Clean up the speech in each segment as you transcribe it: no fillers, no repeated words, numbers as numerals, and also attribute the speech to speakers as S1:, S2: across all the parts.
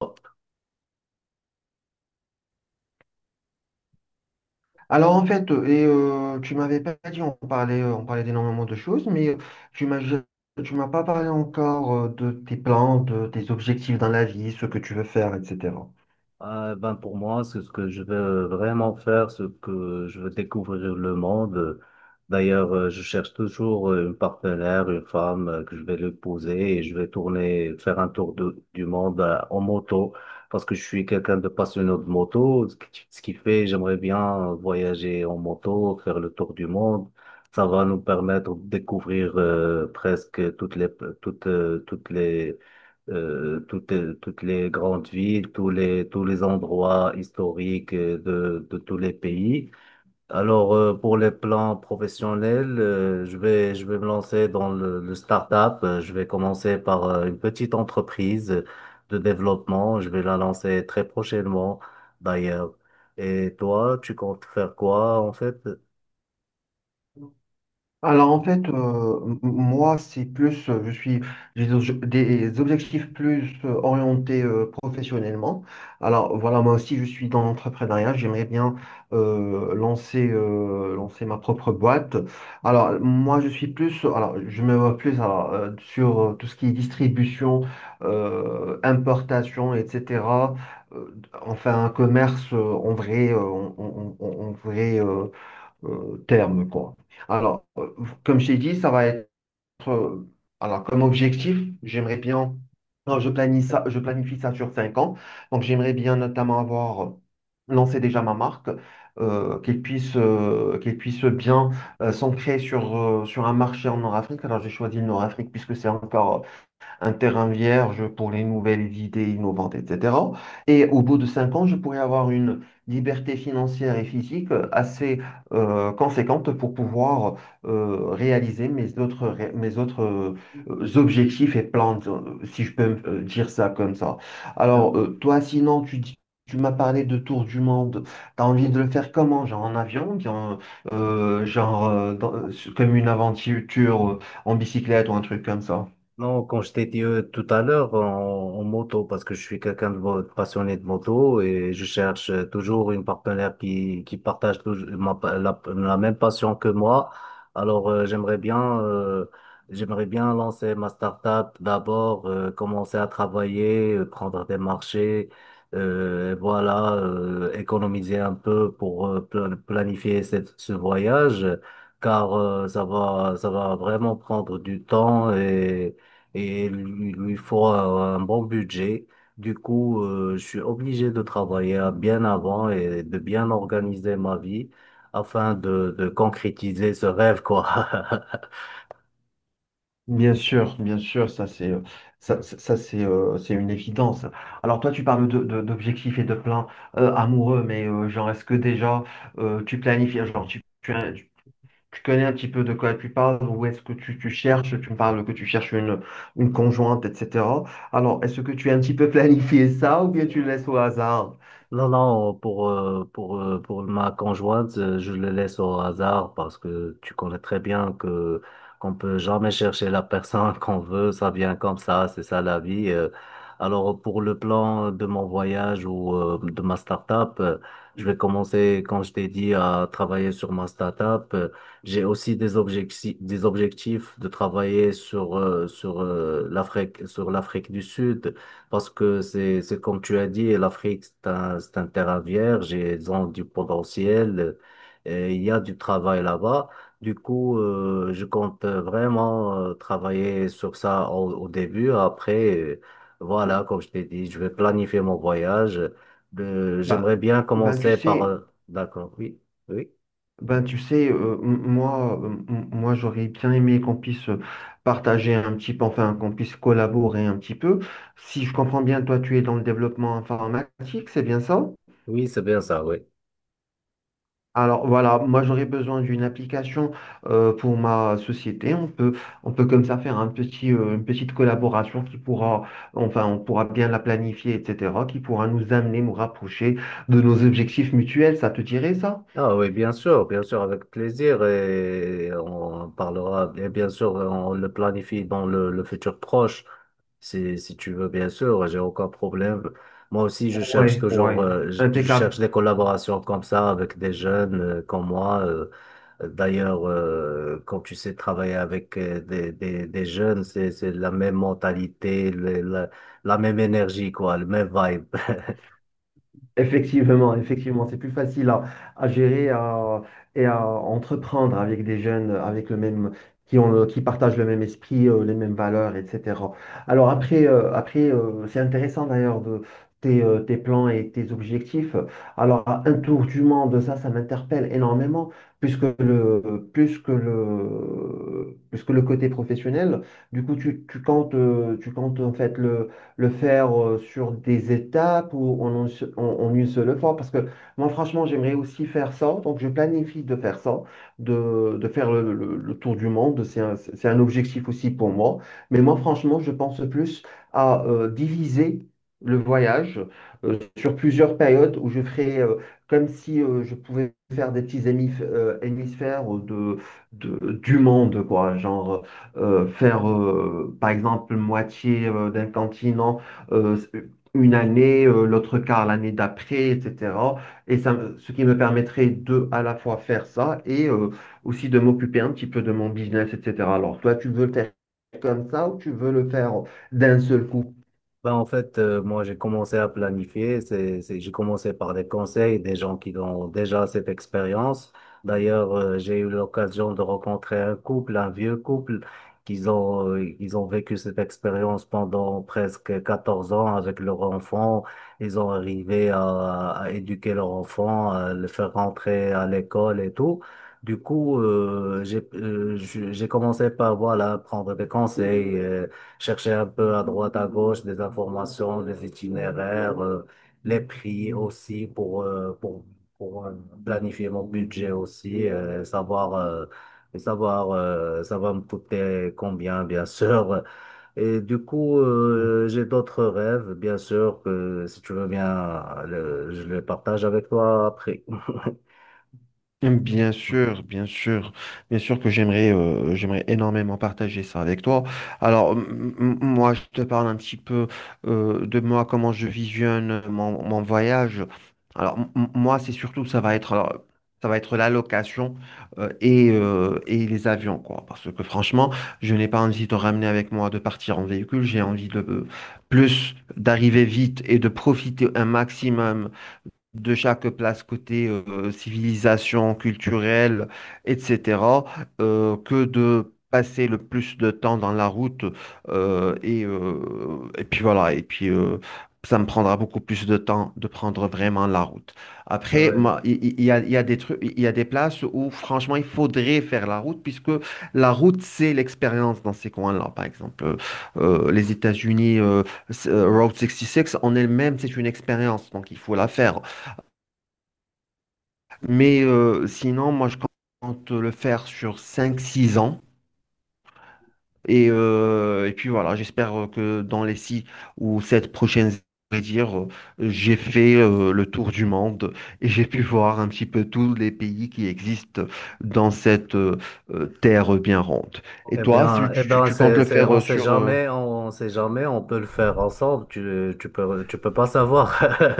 S1: Hop.
S2: Tu m'avais pas dit, on parlait d'énormément de choses, tu m'as, ja- tu m'as pas parlé encore de tes plans, de tes objectifs dans la vie, ce que tu veux faire, etc.
S1: Ah, ben pour moi, c'est ce que je veux vraiment faire, ce que je veux découvrir le monde. D'ailleurs, je cherche toujours une partenaire, une femme que je vais l'épouser et je vais tourner, faire un du monde en moto parce que je suis quelqu'un de passionné de moto. Ce qui fait, j'aimerais bien voyager en moto, faire le tour du monde. Ça va nous permettre de découvrir presque euh, toutes, toutes les grandes villes, tous les endroits historiques de tous les pays. Alors, pour les plans professionnels, je vais me lancer dans le start-up. Je vais commencer par une petite entreprise de développement. Je vais la lancer très prochainement, d'ailleurs. Et toi, tu comptes faire quoi, en fait?
S2: Moi, c'est plus, je suis, j'ai des obje- des objectifs plus orientés professionnellement. Alors voilà, moi aussi, je suis dans l'entrepreneuriat. J'aimerais bien lancer ma propre boîte. Alors moi, je suis plus, alors je me vois plus alors, sur tout ce qui est distribution, importation, etc. Euh, Enfin, un commerce en vrai, en vrai. Terme, quoi. Alors, euh, Comme je t'ai dit, ça va être, euh, alors comme objectif, j'aimerais bien, non, je planifie ça sur 5 ans, donc j'aimerais bien notamment avoir lancé déjà ma marque, qu'elle puisse bien s'ancrer sur, sur un marché en Nord-Afrique. Alors, j'ai choisi le Nord-Afrique puisque c'est encore un terrain vierge pour les nouvelles idées innovantes, etc. Et au bout de 5 ans, je pourrais avoir une liberté financière et physique assez conséquente pour pouvoir réaliser mes mes autres objectifs et plans, si je peux me- dire ça comme ça. Alors, toi, sinon, tu dis- Tu m'as parlé de tour du monde. T'as envie de le faire comment? Genre en avion, bien, genre comme une aventure en bicyclette ou un truc comme ça.
S1: Non, quand je t'ai dit tout à l'heure en moto, parce que je suis quelqu'un passionné de moto et je cherche toujours une partenaire qui partage la même passion que moi. Alors j'aimerais bien lancer ma start-up d'abord, commencer à travailler, prendre des marchés, et voilà, économiser un peu pour planifier ce voyage, car ça va vraiment prendre du temps et lui faut un bon budget. Du coup, je suis obligé de travailler bien avant et de bien organiser ma vie afin de concrétiser ce rêve, quoi.
S2: Bien sûr, ça c'est ça, ça, ça, c'est une évidence. Alors toi tu parles d'objectifs et de plans amoureux, mais genre est-ce que déjà tu planifies, tu connais un petit peu de quoi tu parles ou est-ce que tu cherches, tu me parles que tu cherches une conjointe, etc. Alors est-ce que tu as un petit peu planifié ça ou bien tu le laisses au hasard?
S1: Non, non, pour ma conjointe, je le laisse au hasard parce que tu connais très bien que qu'on peut jamais chercher la personne qu'on veut, ça vient comme ça, c'est ça la vie. Alors pour le plan de mon voyage ou de ma start-up, je vais commencer, quand je t'ai dit, à travailler sur ma start-up. J'ai aussi des objectifs de travailler sur l'Afrique, sur l'Afrique du Sud. Parce que c'est comme tu as dit, l'Afrique, c'est un terrain vierge et ils ont du potentiel. Et il y a du travail là-bas. Du coup, je compte vraiment travailler sur ça au début. Après, voilà, comme je t'ai dit, je vais planifier mon voyage. J'aimerais
S2: Ben,
S1: bien
S2: ben tu
S1: commencer par...
S2: sais.
S1: euh, D'accord, oui, oui,
S2: Ben, tu sais, moi j'aurais bien aimé qu'on puisse partager un petit peu, enfin qu'on puisse collaborer un petit peu. Si je comprends bien, toi, tu es dans le développement informatique, c'est bien ça?
S1: oui, c'est bien ça, oui.
S2: Alors voilà, moi j'aurais besoin d'une application pour ma société. On peut comme ça faire un petit, une petite collaboration qui pourra, enfin on pourra bien la planifier, etc., qui pourra nous amener, nous rapprocher de nos objectifs mutuels. Ça te dirait ça?
S1: Ah oui, bien sûr, avec plaisir et on parlera, et bien sûr, on le planifie dans le futur proche, si tu veux, bien sûr, j'ai aucun problème. Moi aussi, je cherche
S2: Ouais, ouais.
S1: toujours, je
S2: Impeccable.
S1: cherche des collaborations comme ça avec des jeunes comme moi. D'ailleurs, quand tu sais travailler avec des jeunes, c'est la même mentalité, la même énergie, quoi, le même vibe.
S2: Effectivement, effectivement, c'est plus facile à gérer à- et à entreprendre avec des jeunes avec le même, qui ont le- qui partagent le même esprit, les mêmes valeurs, etc. Alors après, après C'est intéressant d'ailleurs de tes plans et tes objectifs. Alors un tour du monde, ça m'interpelle énormément, puisque plus que le côté professionnel, du coup, tu comptes en fait le faire sur des étapes ou en, un se- en- en une seule fois? Parce que moi, franchement, j'aimerais aussi faire ça. Donc, je planifie de faire ça, de faire le tour du monde. C'est un objectif aussi pour moi. Mais moi, franchement, je pense plus à diviser le voyage sur plusieurs périodes où je ferai comme si je pouvais faire des petits hémisphères du monde, quoi. Genre, faire par exemple moitié d'un continent euh, une année, l'autre quart l'année d'après, etc. Et ce qui me permettrait de à la fois faire ça et aussi de m'occuper un petit peu de mon business, etc. Alors toi, tu veux le faire comme ça ou tu veux le faire d'un seul coup?
S1: Ben, en fait, moi, j'ai commencé à planifier. J'ai commencé par des conseils des gens qui ont déjà cette expérience. D'ailleurs, j'ai eu l'occasion de rencontrer un couple, un vieux couple, ils ont vécu cette expérience pendant presque 14 ans avec leur enfant. Ils ont arrivé à éduquer leur enfant, à le faire rentrer à l'école et tout. Du coup, j'ai commencé par, voilà, prendre des conseils. Chercher un peu à droite, à gauche des informations, des itinéraires, les prix aussi pour planifier mon budget aussi, savoir ça va me coûter combien, bien sûr. Et du coup, j'ai d'autres rêves, bien sûr, que si tu veux bien, je les partage avec toi après.
S2: Hum. Bien sûr, bien sûr, bien sûr que j'aimerais énormément partager ça avec toi. Moi, je te parle un petit peu de moi, comment je visionne mon voyage. Moi, c'est surtout, ça va être, alors, ça va être la location et les avions, quoi. Parce que franchement, je n'ai pas envie de ramener avec moi, de partir en véhicule. J'ai envie de plus d'arriver vite et de profiter un maximum de chaque place côté civilisation culturelle, etc., que de passer le plus de temps dans la route. Euh, et, euh, et puis voilà, et puis Ça me prendra beaucoup plus de temps de prendre vraiment la route. Après,
S1: Ouais.
S2: moi, il y a des trucs, il y a des places où franchement, il faudrait faire la route, puisque la route, c'est l'expérience dans ces coins-là. Par exemple, les États-Unis, Route 66, en elle-même, c'est une expérience, donc il faut la faire. Mais sinon, moi, je compte le faire sur 5, 6 ans. J'espère que dans les 6 ou 7 prochaines années, je vais dire, j'ai fait le tour du monde et j'ai pu voir un petit peu tous les pays qui existent dans cette terre bien ronde. Et toi, si
S1: Eh bien,
S2: tu comptes le faire
S1: on sait jamais, on peut le faire ensemble. Tu tu peux pas savoir.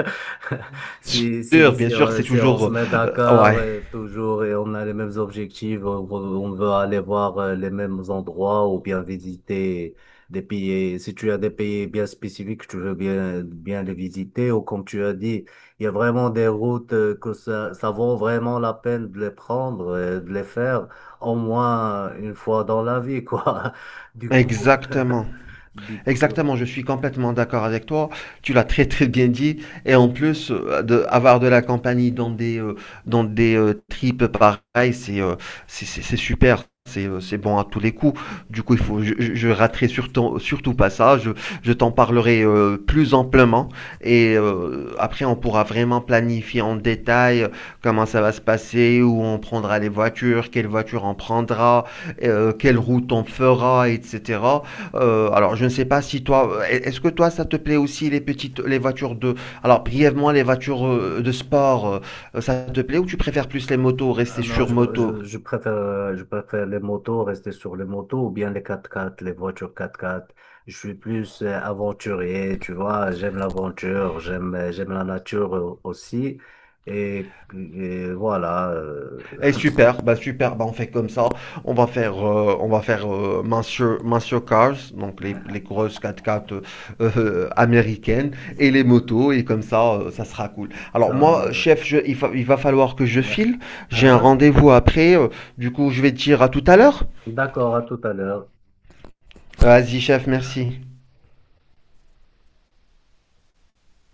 S1: Si,
S2: Sûr,
S1: si,
S2: bien
S1: si,
S2: sûr,
S1: euh,
S2: c'est
S1: si on se
S2: toujours...
S1: met d'accord
S2: ouais,
S1: toujours et on a les mêmes objectifs, on veut aller voir les mêmes endroits ou bien visiter des pays. Si tu as des pays bien spécifiques, tu veux bien les visiter ou comme tu as dit, il y a vraiment des routes que ça vaut vraiment la peine de les prendre, de les faire au moins une fois dans la vie, quoi. Du coup,
S2: exactement.
S1: du coup,
S2: Exactement, je suis complètement d'accord avec toi. Tu l'as très très bien dit. Et en plus, avoir de la compagnie dans des tripes pareilles, c'est super. C'est bon à tous les coups. Du coup, il faut, je raterai surtout pas ça. Je t'en parlerai plus amplement. Et après, on pourra vraiment planifier en détail comment ça va se passer, où on prendra les voitures, quelle voiture on prendra, quelle route on fera, etc. Alors, je ne sais pas si toi, est-ce que toi, ça te plaît aussi les voitures de, alors brièvement les voitures de sport, ça te plaît ou tu préfères plus les
S1: ah
S2: motos,
S1: ah
S2: rester
S1: non,
S2: sur moto?
S1: je préfère les motos, rester sur les motos ou bien les 4x4, les voitures 4x4. Je suis plus aventurier, tu vois. J'aime l'aventure, j'aime la nature aussi. Et voilà,
S2: Et super, bah on fait comme ça. On va faire Monsieur Cars, donc les grosses quatre quatre américaines et les motos, et comme ça, ça sera cool.
S1: ça,
S2: Alors moi,
S1: euh,
S2: chef, il va falloir que je file. J'ai un
S1: hein?
S2: rendez-vous après. Du coup, je vais te dire à tout à l'heure.
S1: D'accord, à tout à l'heure.
S2: Vas-y, chef, merci.